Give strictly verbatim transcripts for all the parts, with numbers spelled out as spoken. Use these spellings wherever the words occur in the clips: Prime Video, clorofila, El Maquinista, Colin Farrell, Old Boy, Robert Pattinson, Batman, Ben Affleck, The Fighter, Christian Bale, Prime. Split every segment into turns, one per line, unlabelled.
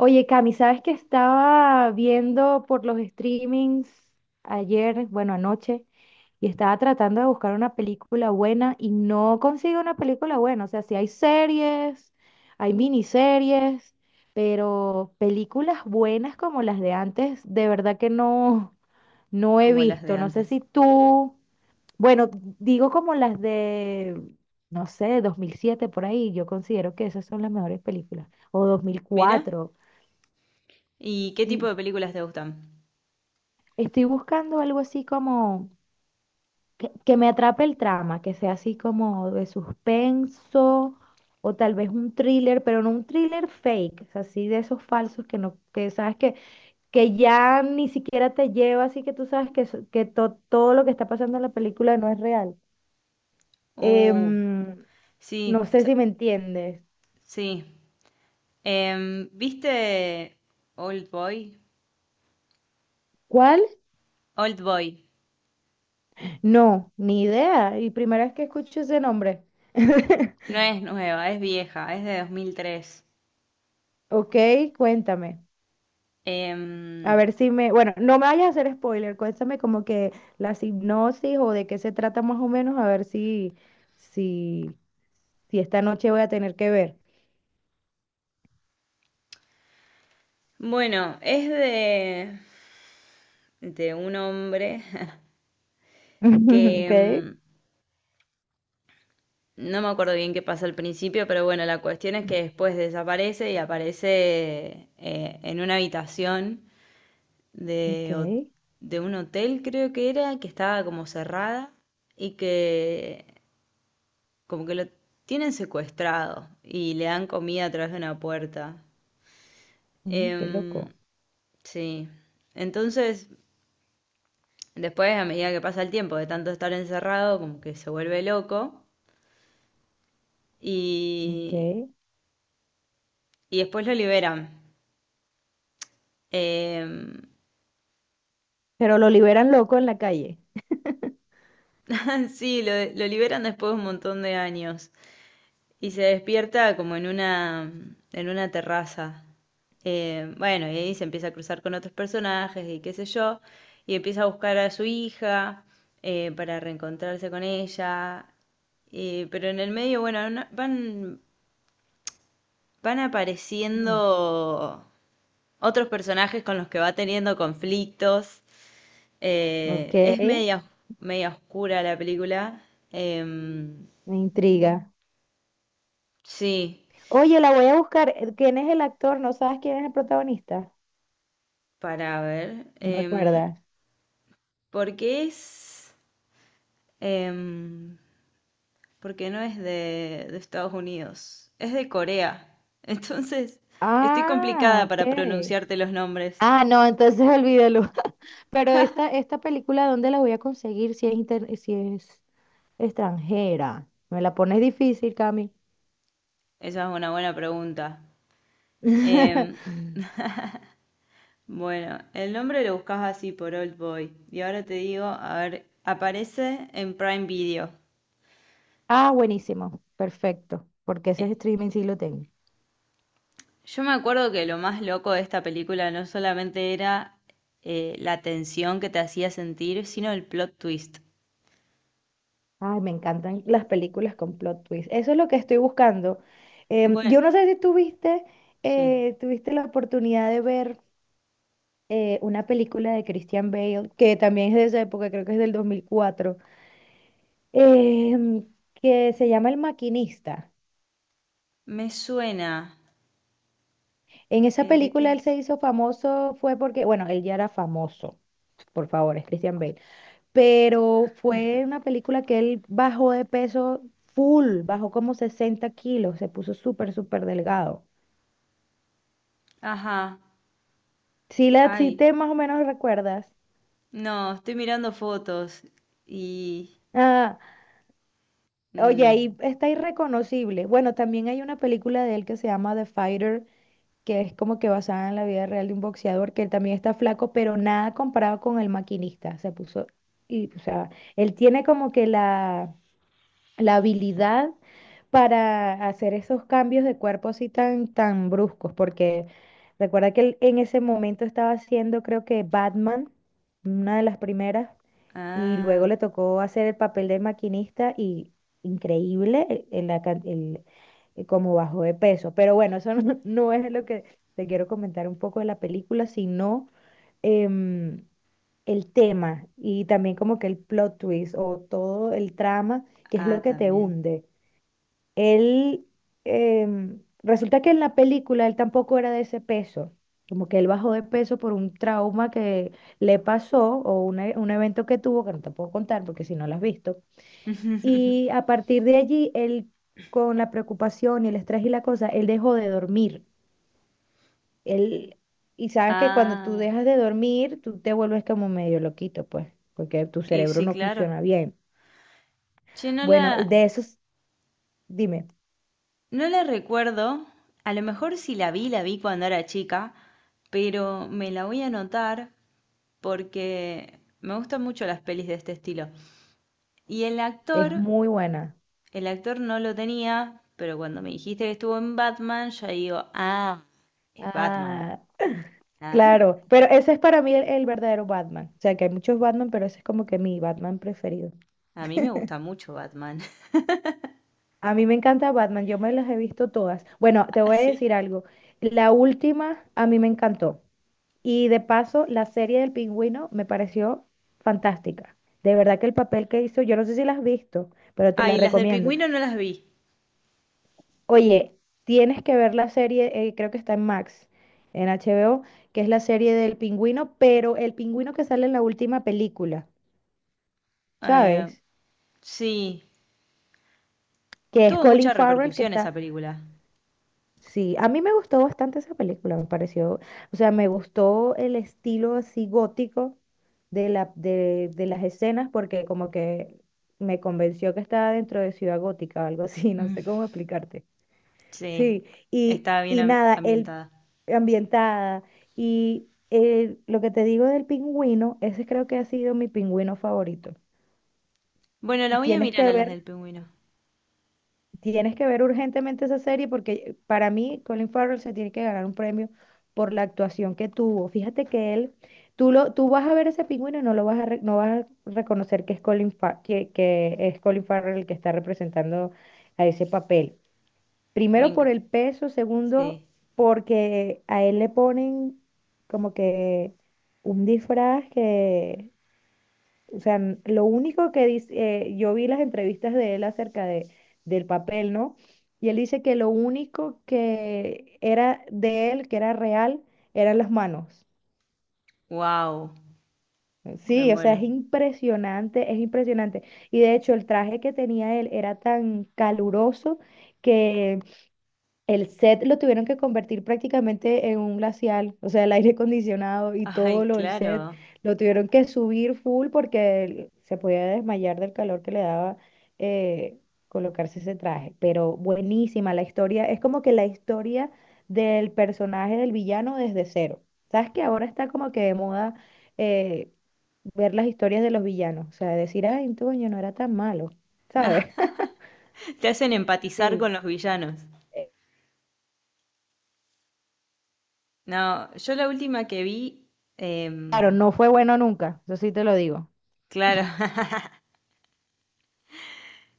Oye, Cami, ¿sabes que estaba viendo por los streamings ayer, bueno, anoche, y estaba tratando de buscar una película buena y no consigo una película buena? O sea, sí hay series, hay miniseries, pero películas buenas como las de antes, de verdad que no, no he
Como las de
visto. No sé
antes.
si tú, bueno, digo como las de, no sé, dos mil siete por ahí, yo considero que esas son las mejores películas, o dos mil
Mira,
cuatro.
¿y qué tipo
Sí,
de películas te gustan?
estoy buscando algo así como que, que me atrape el trama, que sea así como de suspenso o tal vez un thriller, pero no un thriller fake, o sea, así de esos falsos que no, que sabes que, que ya ni siquiera te lleva, así que tú sabes que, eso- que to- todo lo que está pasando en la película no es real. Em,
Uh,
no
sí,
sé
sa-
si me entiendes.
sí. Em, ¿viste Old Boy?
¿Cuál?
Old Boy.
No, ni idea. Y primera vez que escucho ese nombre.
No es nueva, es vieja, es de dos mil tres.
Ok, cuéntame. A
Em,
ver si me, bueno, no me vayas a hacer spoiler, cuéntame como que la hipnosis o de qué se trata más o menos, a ver si, si, si esta noche voy a tener que ver.
bueno, es de, de un hombre que
Ok,
em, no me acuerdo bien qué pasa al principio, pero bueno, la cuestión es que después desaparece y aparece eh, en una habitación.
ok,
de, ho- de un hotel, creo que era, que estaba como cerrada y que como que lo tienen secuestrado y le dan comida a través de una puerta.
mm, qué
Em,
loco,
sí, entonces después a medida que pasa el tiempo de tanto estar encerrado, como que se vuelve loco
ok.
y, y después lo liberan. Em,
Pero lo liberan loco en la calle.
sí, lo, lo liberan después de un montón de años. Y se despierta como en una, en una terraza. Eh, bueno, y ahí se empieza a cruzar con otros personajes y qué sé yo, y empieza a buscar a su hija eh, para reencontrarse con ella. Eh, pero en el medio, bueno, no- van, van
Mm,
apareciendo otros personajes con los que va teniendo conflictos.
ok,
Eh, es media, media oscura la película. Em,
me intriga.
sí,
Oye, la voy a buscar. Eh, ¿quién es el actor? ¿No sabes quién es el protagonista?
para ver.
¿Me
em,
recuerdas?
Porque es... em, porque no es de, de Estados Unidos, es de Corea. Entonces, estoy complicada
Ah,
para
ok.
pronunciarte los nombres.
Ah, no, entonces olvídalo. Pero esta, esta película, ¿dónde la voy a conseguir si es, inter- si es extranjera? Me la pones difícil, Cami.
Esa es una buena pregunta. Em, bueno, el nombre lo buscas así por Old Boy. Y ahora te digo, a ver, aparece en Prime Video.
Ah, buenísimo. Perfecto. Porque ese
Eh,
streaming sí lo tengo.
yo me acuerdo que lo más loco de esta película no solamente era eh, la tensión que te hacía sentir, sino el plot twist.
Ay, me encantan las películas con plot twist. Eso es lo que estoy buscando. Em,
Bueno,
yo no sé si tuviste,
sí.
eh, tuviste la oportunidad de ver eh, una película de Christian Bale, que también es de esa época, creo que es del dos mil cuatro, em, que se llama El Maquinista.
Me suena.
En esa
¿Eh, de qué
película él se
es?
hizo famoso fue porque, bueno, él ya era famoso, por favor, es Christian Bale, pero fue una película que él bajó de peso full, bajó como sesenta kilos, se puso súper, súper delgado.
Ajá.
Si la, si
Ay.
te más o menos recuerdas.
No, estoy mirando fotos. Y.
Ah, oye, ahí
Mm,
está irreconocible. Bueno, también hay una película de él que se llama The Fighter, que es como que basada en la vida real de un boxeador, que él también está flaco, pero nada comparado con el maquinista. Se puso, y, o sea, él tiene como que la, la habilidad para hacer esos cambios de cuerpo así tan, tan bruscos, porque recuerda que él en ese momento estaba haciendo, creo que Batman, una de las primeras, y luego
ah.
le tocó hacer el papel de maquinista y increíble el, el la can- el- eh, como bajó de peso. Pero bueno, eso no, no es lo que te quiero comentar un poco de la película, sino em, el tema y también como que el plot twist o todo el trama. ¿Qué es lo
Ah,
que te
también.
hunde? Él, em, resulta que en la película él tampoco era de ese peso, como que él bajó de peso por un trauma que le pasó o un, e- un evento que tuvo, que no te puedo contar porque si no lo has visto. Y a partir de allí, él, con la preocupación y el estrés y la cosa, él dejó de dormir. Él, y sabes que cuando tú
Ah.
dejas de dormir, tú te vuelves como medio loquito, pues, porque tu
Y
cerebro
sí,
no
claro.
funciona bien.
Che, no la.
Bueno, de esos, dime,
No la recuerdo. A lo mejor si la vi, la vi cuando era chica. Pero me la voy a anotar porque me gustan mucho las pelis de este estilo. Y el
es
actor.
muy buena.
El actor no lo tenía, pero cuando me dijiste que estuvo en Batman, ya digo, ah, es Batman.
Ah,
Ah.
claro, pero ese es para mí el, el verdadero Batman. O sea, que hay muchos Batman, pero ese es como que mi Batman preferido.
A mí me gusta mucho Batman.
A mí me encanta Batman, yo me las he visto todas. Bueno, te voy a
Así.
decir algo. La última a mí me encantó. Y de paso, la serie del pingüino me pareció fantástica. De verdad que el papel que hizo, yo no sé si la has visto, pero te
Ah,
la
y las del
recomiendo.
pingüino no las vi.
Oye, tienes que ver la serie, eh, creo que está en Max, en H B O, que es la serie del pingüino, pero el pingüino que sale en la última película.
Eh,
¿Sabes?
sí,
Que es
tuvo
Colin
mucha
Farrell que
repercusión
está...
esa película.
Sí, a mí me gustó bastante esa película, me pareció, o sea, me gustó el estilo así gótico de la, de, de las escenas porque como que me convenció que estaba dentro de Ciudad Gótica o algo así, no
Mm.
sé cómo explicarte.
Sí,
Sí, y,
estaba bien
y
am-
nada, el
ambientada.
ambientada y eh, lo que te digo del pingüino, ese creo que ha sido mi pingüino favorito.
Bueno, la
Y
voy a
tienes
mirar
que
a las
ver.
del pingüino.
Tienes que ver urgentemente esa serie porque para mí Colin Farrell se tiene que ganar un premio por la actuación que tuvo. Fíjate que él, tú lo, tú vas a ver ese pingüino y no lo vas a, re- no vas a reconocer que es Colin Fa- que, que es Colin Farrell el que está representando a ese papel.
Me
Primero por
enc-
el peso, segundo
sí.
porque a él le ponen como que un disfraz que o sea, n- lo único que dice, eh, yo vi las entrevistas de él acerca de, del papel, ¿no? Y él dice que lo único que era de él, que era real, eran las manos.
Wow, me
Sí, o sea,
muero.
es impresionante, es impresionante. Y de hecho, el traje que tenía él era tan caluroso que el set lo tuvieron que convertir prácticamente en un glacial, o sea, el aire acondicionado y todo
Ay,
lo del set
claro.
lo tuvieron que subir full porque él se podía desmayar del calor que le daba eh, colocarse ese traje. Pero buenísima la historia, es como que la historia del personaje del villano desde cero. Sabes que ahora está como que de moda eh, ver las historias de los villanos, o sea, decir, ay, Toño no era tan malo, ¿sabes?
Te hacen empatizar
Sí.
con los villanos.
Eh,
No, yo la última que vi,
Claro,
em,
no fue bueno nunca, eso sí te lo digo.
claro,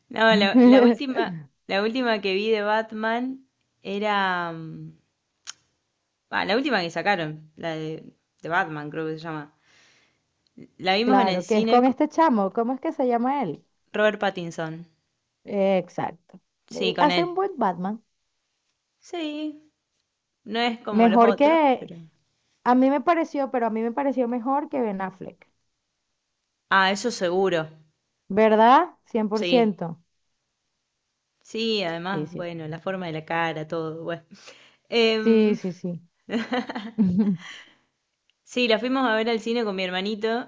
no, la, la última, la última que vi de Batman era, mm, ah, la última que sacaron, la de, de Batman creo que se llama. La vimos en el
Claro, que es
cine,
con
co-
este chamo, ¿cómo es que se llama él?
Robert Pattinson,
Eh, exacto.
sí,
Eh,
con
hace un
él.
buen Batman.
Sí, no es como los
Mejor
otros,
que,
pero...
a mí me pareció, pero a mí me pareció mejor que Ben Affleck.
Ah, eso seguro,
¿Verdad? Cien por
sí,
ciento.
sí,
Sí,
además,
sí.
bueno, la forma de la cara, todo, bueno.
Sí,
Em,
sí, sí.
Sí, la fuimos a ver al cine con mi hermanito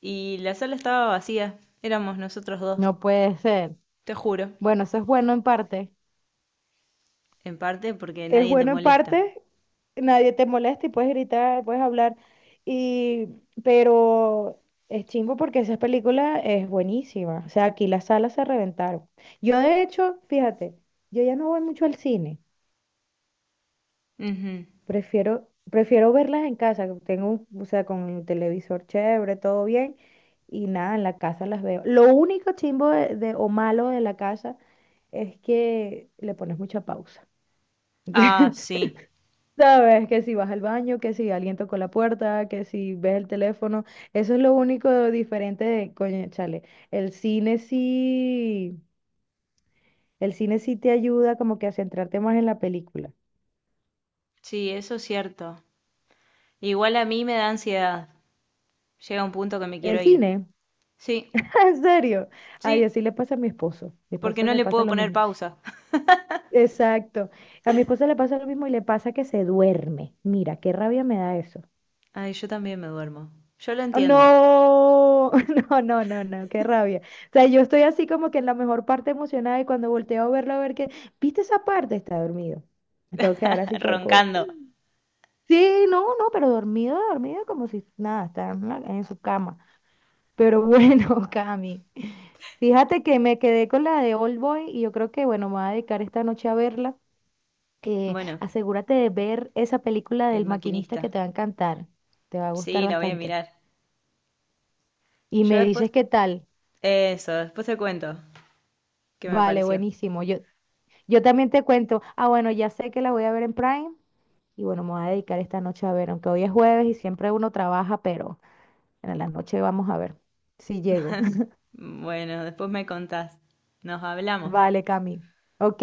y la sala estaba vacía. Éramos nosotros dos,
No puede ser.
te juro.
Bueno, eso es bueno en parte.
En parte porque
Es
nadie te
bueno en
molesta.
parte, nadie te molesta y puedes gritar, puedes hablar, y, pero es chimbo porque esa película es buenísima. O sea, aquí las salas se reventaron. Yo de hecho, fíjate, yo ya no voy mucho al cine,
Ujú.
prefiero, prefiero verlas en casa, que tengo, un- o sea, con el televisor chévere, todo bien, y nada, en la casa las veo. Lo único chimbo de, de- o malo de la casa es que le pones mucha pausa.
Ah, sí.
Sabes que si vas al baño, que si alguien tocó la puerta, que si ves el teléfono, eso es lo único diferente de, coño, chale, el cine sí, el cine sí te ayuda como que a centrarte más en la película.
Sí, eso es cierto. Igual a mí me da ansiedad. Llega un punto que me quiero
El
ir.
cine,
Sí,
en serio. Ay,
sí,
así le pasa a mi esposo. Mi
porque
esposo
no
le
le
pasa
puedo
lo
poner
mismo.
pausa.
Exacto. A mi esposo le pasa lo mismo y le pasa que se duerme. Mira, qué rabia me da eso.
Ay, yo también me duermo. Yo lo entiendo.
No, no, no, no, no, qué rabia. O sea, yo estoy así como que en la mejor parte emocionada y cuando volteo a verlo, a ver que, ¿viste esa parte? Está dormido. Me tengo que quedar así con el codo.
Roncando.
Sí, no, no, pero dormido, dormido, como si nada, está en, la- en su cama. Pero bueno, Cami, fíjate que me quedé con la de Old Boy y yo creo que, bueno, me voy a dedicar esta noche a verla. Eh,
Bueno,
asegúrate de ver esa película
el
del maquinista que
maquinista.
te va a encantar, te va a gustar
Sí, la voy a
bastante.
mirar.
Y
Yo
me dices
después...
qué tal.
Eso, después te cuento qué me
Vale,
pareció.
buenísimo. Yo, yo también te cuento. Ah, bueno, ya sé que la voy a ver en Prime y bueno, me voy a dedicar esta noche a ver, aunque hoy es jueves y siempre uno trabaja, pero en la noche vamos a ver si llego.
Bueno, después me contás. Nos hablamos.
Vale, Cami. Ok,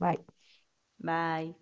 bye.
Bye.